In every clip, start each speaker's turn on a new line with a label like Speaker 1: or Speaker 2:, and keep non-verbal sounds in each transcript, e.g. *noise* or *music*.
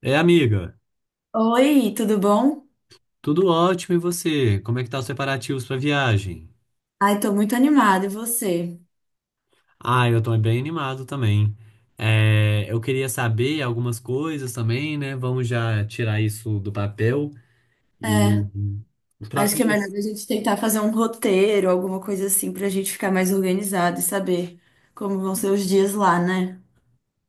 Speaker 1: É, amiga,
Speaker 2: Oi, tudo bom?
Speaker 1: tudo ótimo e você? Como é que tá os preparativos pra viagem?
Speaker 2: Ai, tô muito animada, e você?
Speaker 1: Ah, eu tô bem animado também. É, eu queria saber algumas coisas também, né? Vamos já tirar isso do papel e
Speaker 2: É,
Speaker 1: para
Speaker 2: acho que é melhor
Speaker 1: começar.
Speaker 2: a gente tentar fazer um roteiro, alguma coisa assim, pra gente ficar mais organizado e saber como vão ser os dias lá, né?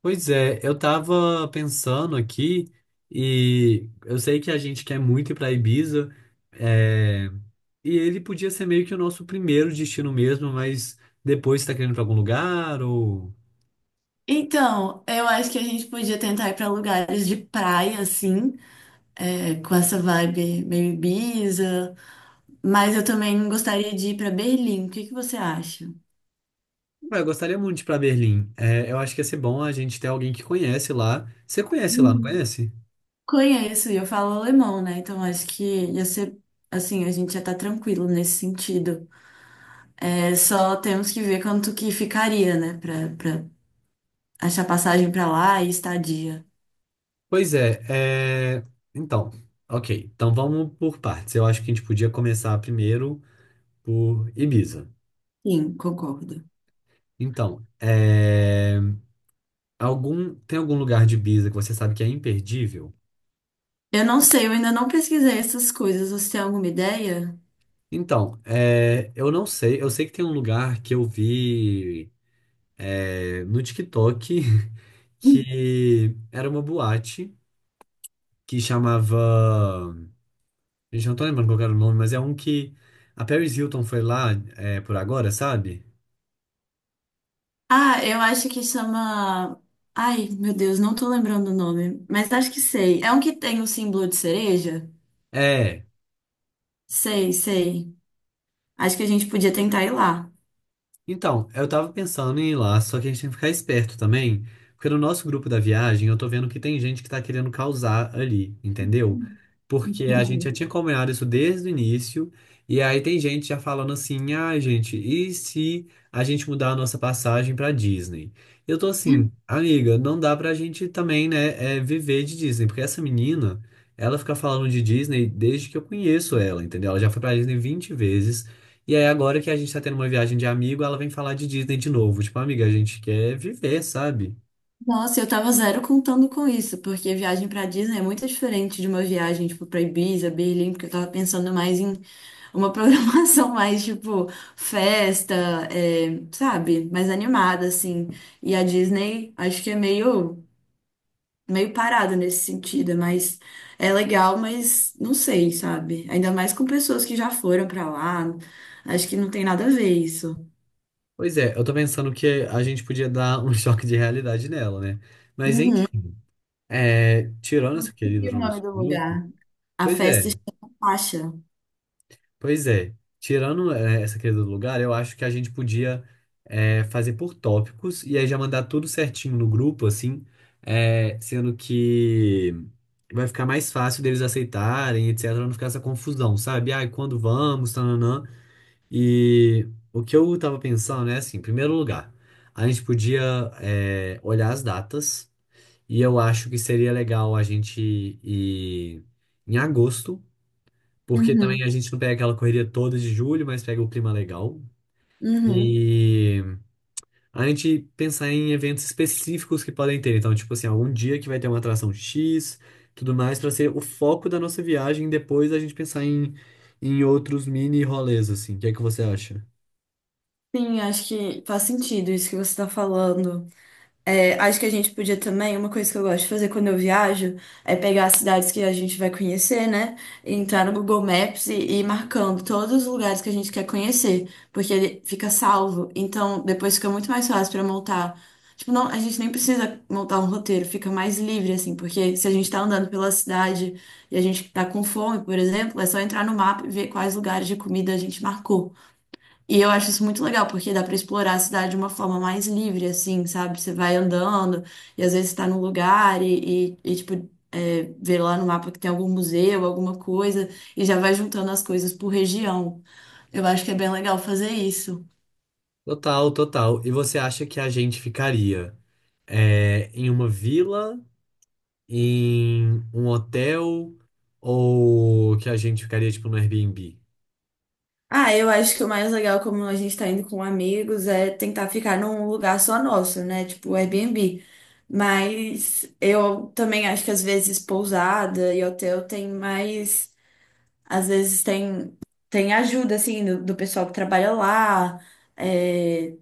Speaker 1: Pois é, eu tava pensando aqui e eu sei que a gente quer muito ir para Ibiza, é, e ele podia ser meio que o nosso primeiro destino mesmo, mas depois você tá querendo ir pra algum lugar ou.
Speaker 2: Então, eu acho que a gente podia tentar ir pra lugares de praia, assim, é, com essa vibe meio Ibiza, mas eu também gostaria de ir pra Berlim, o que que você acha?
Speaker 1: Ah, eu gostaria muito de ir pra Berlim. É, eu acho que ia ser bom a gente ter alguém que conhece lá. Você conhece lá, não
Speaker 2: Hum.
Speaker 1: conhece?
Speaker 2: Conheço, e eu falo alemão, né? Então acho que ia ser, assim, a gente já tá tranquilo nesse sentido. É, só temos que ver quanto que ficaria, né, pra achar passagem pra lá e estadia.
Speaker 1: Pois é, então, ok. Então vamos por partes. Eu acho que a gente podia começar primeiro por Ibiza.
Speaker 2: Sim, concordo.
Speaker 1: Então, tem algum lugar de Ibiza que você sabe que é imperdível?
Speaker 2: Eu não sei, eu ainda não pesquisei essas coisas. Você tem alguma ideia?
Speaker 1: Então, eu não sei. Eu sei que tem um lugar que eu vi no TikTok *laughs*
Speaker 2: *laughs*
Speaker 1: que era uma boate que chamava. Gente, eu não tô lembrando qual que era o nome, mas é um que a Paris Hilton foi lá por agora, sabe?
Speaker 2: Ah, eu acho que chama. Ai, meu Deus, não tô lembrando o nome, mas acho que sei. É um que tem o símbolo de cereja?
Speaker 1: É,
Speaker 2: Sei, sei. Acho que a gente podia tentar ir lá.
Speaker 1: então, eu tava pensando em ir lá, só que a gente tem que ficar esperto também, porque no nosso grupo da viagem eu tô vendo que tem gente que tá querendo causar ali, entendeu? Porque a gente já
Speaker 2: Entendi.
Speaker 1: tinha combinado isso desde o início, e aí tem gente já falando assim: ah, gente, e se a gente mudar a nossa passagem pra Disney? Eu tô assim, amiga, não dá pra gente também, né, viver de Disney, porque essa menina, ela fica falando de Disney desde que eu conheço ela, entendeu? Ela já foi pra Disney 20 vezes. E aí, agora que a gente tá tendo uma viagem de amigo, ela vem falar de Disney de novo. Tipo, amiga, a gente quer viver, sabe?
Speaker 2: Nossa, eu tava zero contando com isso, porque viagem pra Disney é muito diferente de uma viagem, tipo, pra Ibiza, Berlim, porque eu tava pensando mais em uma *laughs* programação mais, tipo, festa, é, sabe? Mais animada, assim. E a Disney, acho que é meio, meio parada nesse sentido, mas é legal, mas não sei, sabe? Ainda mais com pessoas que já foram pra lá, acho que não tem nada a ver isso.
Speaker 1: Pois é, eu tô pensando que a gente podia dar um *laughs* choque de realidade nela, né? Mas
Speaker 2: Uhum,
Speaker 1: enfim, tirando
Speaker 2: não
Speaker 1: essa querida
Speaker 2: descobri o
Speaker 1: do
Speaker 2: nome
Speaker 1: nosso
Speaker 2: do
Speaker 1: grupo,
Speaker 2: lugar. A
Speaker 1: pois
Speaker 2: festa
Speaker 1: é.
Speaker 2: chama Faixa.
Speaker 1: Pois é, tirando essa questão do lugar, eu acho que a gente podia fazer por tópicos e aí já mandar tudo certinho no grupo, assim, sendo que vai ficar mais fácil deles aceitarem, etc, não ficar essa confusão, sabe? Ah, quando vamos, tananã. E o que eu tava pensando é assim, em primeiro lugar, a gente podia olhar as datas e eu acho que seria legal a gente ir em agosto, porque também
Speaker 2: Uhum,
Speaker 1: a gente não pega aquela correria toda de julho, mas pega o clima legal.
Speaker 2: uhum.
Speaker 1: E a gente pensar em eventos específicos que podem ter. Então, tipo assim, algum dia que vai ter uma atração X, tudo mais, para ser o foco da nossa viagem. Depois a gente pensar em outros mini rolês, assim. O que é que você acha?
Speaker 2: Sim, acho que faz sentido isso que você está falando. É, acho que a gente podia também, uma coisa que eu gosto de fazer quando eu viajo, é pegar as cidades que a gente vai conhecer, né? E entrar no Google Maps e ir marcando todos os lugares que a gente quer conhecer, porque ele fica salvo. Então, depois fica muito mais fácil para montar. Tipo, não, a gente nem precisa montar um roteiro, fica mais livre, assim, porque se a gente tá andando pela cidade e a gente tá com fome, por exemplo, é só entrar no mapa e ver quais lugares de comida a gente marcou. E eu acho isso muito legal, porque dá pra explorar a cidade de uma forma mais livre, assim, sabe? Você vai andando e às vezes tá num lugar tipo, é, vê lá no mapa que tem algum museu, alguma coisa, e já vai juntando as coisas por região. Eu acho que é bem legal fazer isso.
Speaker 1: Total, total. E você acha que a gente ficaria em uma vila, em um hotel, ou que a gente ficaria, tipo, no Airbnb?
Speaker 2: Ah, eu acho que o mais legal, como a gente tá indo com amigos, é tentar ficar num lugar só nosso, né? Tipo Airbnb. Mas eu também acho que às vezes pousada e hotel tem mais. Às vezes tem, tem ajuda, assim, do pessoal que trabalha lá. É,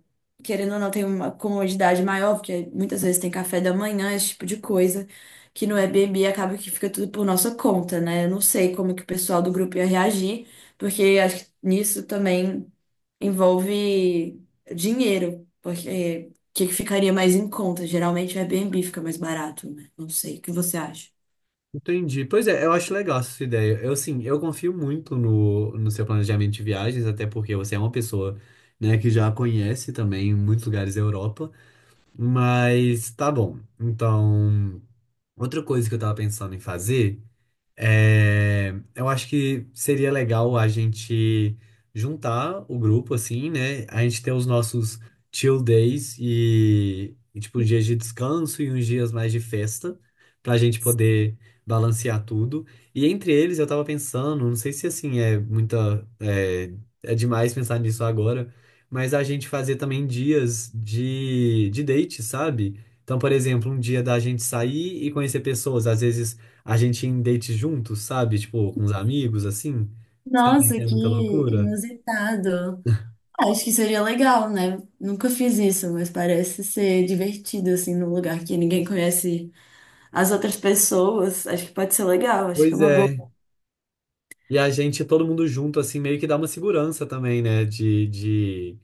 Speaker 2: querendo ou não, tem uma comodidade maior, porque muitas vezes tem café da manhã, esse tipo de coisa, que no Airbnb acaba que fica tudo por nossa conta, né? Eu não sei como que o pessoal do grupo ia reagir, porque acho que nisso também envolve dinheiro, porque o que que ficaria mais em conta? Geralmente o Airbnb fica mais barato, né? Não sei, o que você acha?
Speaker 1: Entendi. Pois é, eu acho legal essa ideia. Eu, assim, eu confio muito no seu planejamento de viagens, até porque você é uma pessoa, né, que já conhece também muitos lugares da Europa. Mas tá bom. Então, outra coisa que eu tava pensando em fazer. É, eu acho que seria legal a gente juntar o grupo, assim, né? A gente ter os nossos chill days e, tipo, uns dias de descanso e uns dias mais de festa, pra gente poder balancear tudo. E entre eles, eu tava pensando, não sei se, assim, é muita... é demais pensar nisso agora, mas a gente fazer também dias de date, sabe? Então, por exemplo, um dia da gente sair e conhecer pessoas, às vezes a gente ia em date juntos, sabe? Tipo, com os amigos, assim. Você não
Speaker 2: Nossa,
Speaker 1: é
Speaker 2: que
Speaker 1: muita loucura?
Speaker 2: inusitado. Acho que seria legal, né? Nunca fiz isso, mas parece ser divertido, assim, num lugar que ninguém conhece as outras pessoas. Acho que pode ser legal, acho que é
Speaker 1: Pois
Speaker 2: uma boa.
Speaker 1: é. E a gente, todo mundo junto, assim, meio que dá uma segurança também, né? De...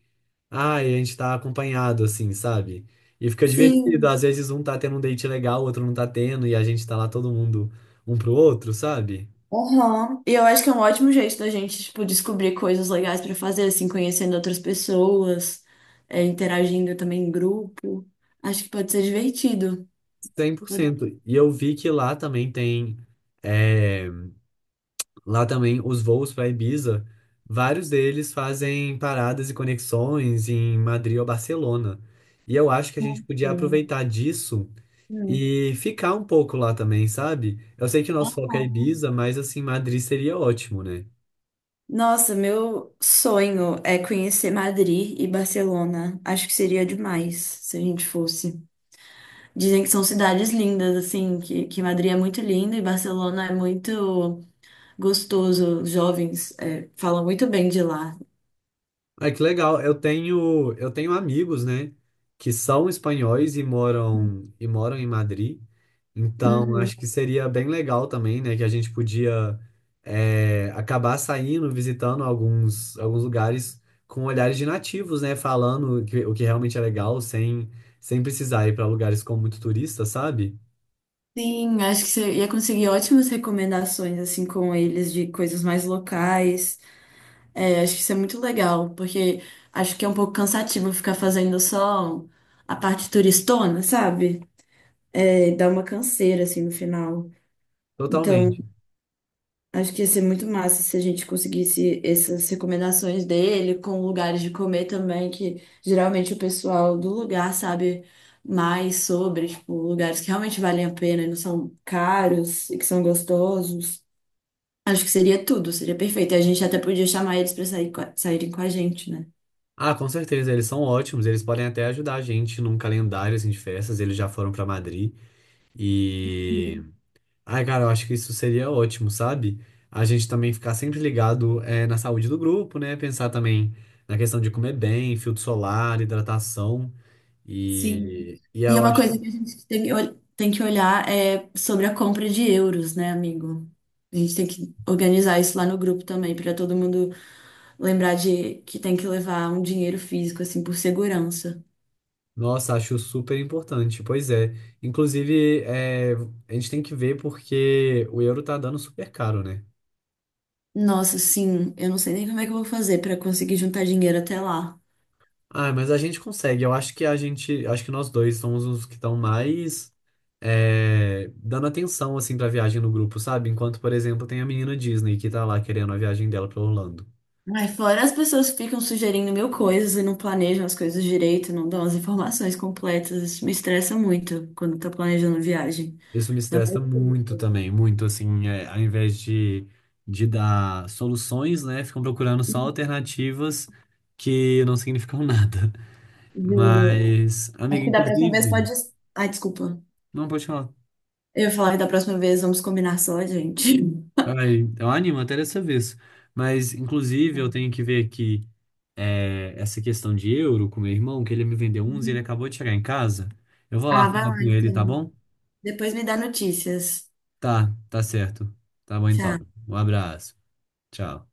Speaker 1: Ah, a gente tá acompanhado, assim, sabe? E fica divertido.
Speaker 2: Sim,
Speaker 1: Às vezes um tá tendo um date legal, o outro não tá tendo, e a gente tá lá todo mundo um pro outro, sabe?
Speaker 2: aham. E eu acho que é um ótimo jeito da gente, tipo, descobrir coisas legais pra fazer, assim, conhecendo outras pessoas, é, interagindo também em grupo. Acho que pode ser divertido.
Speaker 1: cem por
Speaker 2: Pode ser.
Speaker 1: cento E eu vi que lá também tem. eh, Lá também, os voos para Ibiza, vários deles fazem paradas e conexões em Madrid ou Barcelona. E eu acho que a gente podia aproveitar disso
Speaker 2: Hum.
Speaker 1: e ficar um pouco lá também, sabe? Eu sei que o nosso foco é Ibiza, mas assim, Madrid seria ótimo, né?
Speaker 2: Nossa, meu sonho é conhecer Madrid e Barcelona. Acho que seria demais se a gente fosse. Dizem que são cidades lindas, assim, que Madrid é muito linda e Barcelona é muito gostoso. Os jovens, é, falam muito bem de lá.
Speaker 1: Ah, que legal. Eu tenho amigos, né, que são espanhóis e moram em Madrid. Então,
Speaker 2: Uhum.
Speaker 1: acho que seria bem legal também, né, que a gente podia acabar saindo, visitando alguns lugares com olhares de nativos, né, falando o que realmente é legal, sem precisar ir para lugares com muito turista, sabe?
Speaker 2: Sim, acho que você ia conseguir ótimas recomendações, assim, com eles de coisas mais locais. É, acho que isso é muito legal, porque acho que é um pouco cansativo ficar fazendo só a parte turistona, sabe? É, dá uma canseira, assim, no final. Então,
Speaker 1: Totalmente.
Speaker 2: acho que ia ser muito massa se a gente conseguisse essas recomendações dele com lugares de comer também, que geralmente o pessoal do lugar sabe mais sobre, tipo, lugares que realmente valem a pena e não são caros e que são gostosos. Acho que seria tudo, seria perfeito. E a gente até podia chamar eles para sair, saírem com a gente, né?
Speaker 1: Ah, com certeza, eles são ótimos. Eles podem até ajudar a gente num calendário assim, de festas. Eles já foram para Madrid e ai, cara, eu acho que isso seria ótimo, sabe? A gente também ficar sempre ligado, na saúde do grupo, né? Pensar também na questão de comer bem, filtro solar, hidratação.
Speaker 2: Sim.
Speaker 1: E, e
Speaker 2: E é
Speaker 1: eu
Speaker 2: uma
Speaker 1: acho
Speaker 2: coisa
Speaker 1: que,
Speaker 2: que a gente tem, que tem que olhar é sobre a compra de euros, né, amigo? A gente tem que organizar isso lá no grupo também, para todo mundo. Lembrar de que tem que levar um dinheiro físico, assim, por segurança.
Speaker 1: Nossa, acho super importante. Pois é. Inclusive, a gente tem que ver porque o euro tá dando super caro, né?
Speaker 2: Nossa, sim, eu não sei nem como é que eu vou fazer pra conseguir juntar dinheiro até lá.
Speaker 1: Ah, mas a gente consegue. Eu acho que a gente, acho que nós dois somos os que estão mais dando atenção assim para viagem no grupo, sabe? Enquanto, por exemplo, tem a menina Disney que tá lá querendo a viagem dela para Orlando.
Speaker 2: Ai, fora as pessoas que ficam sugerindo mil coisas e não planejam as coisas direito, não dão as informações completas. Isso me estressa muito quando tá planejando viagem.
Speaker 1: Isso me estressa muito também, muito assim, ao invés de dar soluções, né? Ficam procurando só alternativas que não significam *laughs* nada.
Speaker 2: Juro.
Speaker 1: Mas, amiga,
Speaker 2: Acho que da próxima vez
Speaker 1: inclusive,
Speaker 2: pode. Ai, desculpa.
Speaker 1: não pode falar.
Speaker 2: Eu ia falar que da próxima vez vamos combinar só, gente.
Speaker 1: Ai, eu animo até dessa vez. Mas, inclusive, eu tenho que ver aqui essa questão de euro com meu irmão, que ele me vendeu uns e ele
Speaker 2: *laughs*
Speaker 1: acabou de chegar em casa. Eu vou lá
Speaker 2: Ah, vai
Speaker 1: falar
Speaker 2: lá
Speaker 1: com ele, tá
Speaker 2: então.
Speaker 1: bom?
Speaker 2: Depois me dá notícias.
Speaker 1: Tá, tá certo. Tá bom então.
Speaker 2: Tchau.
Speaker 1: Um abraço. Tchau.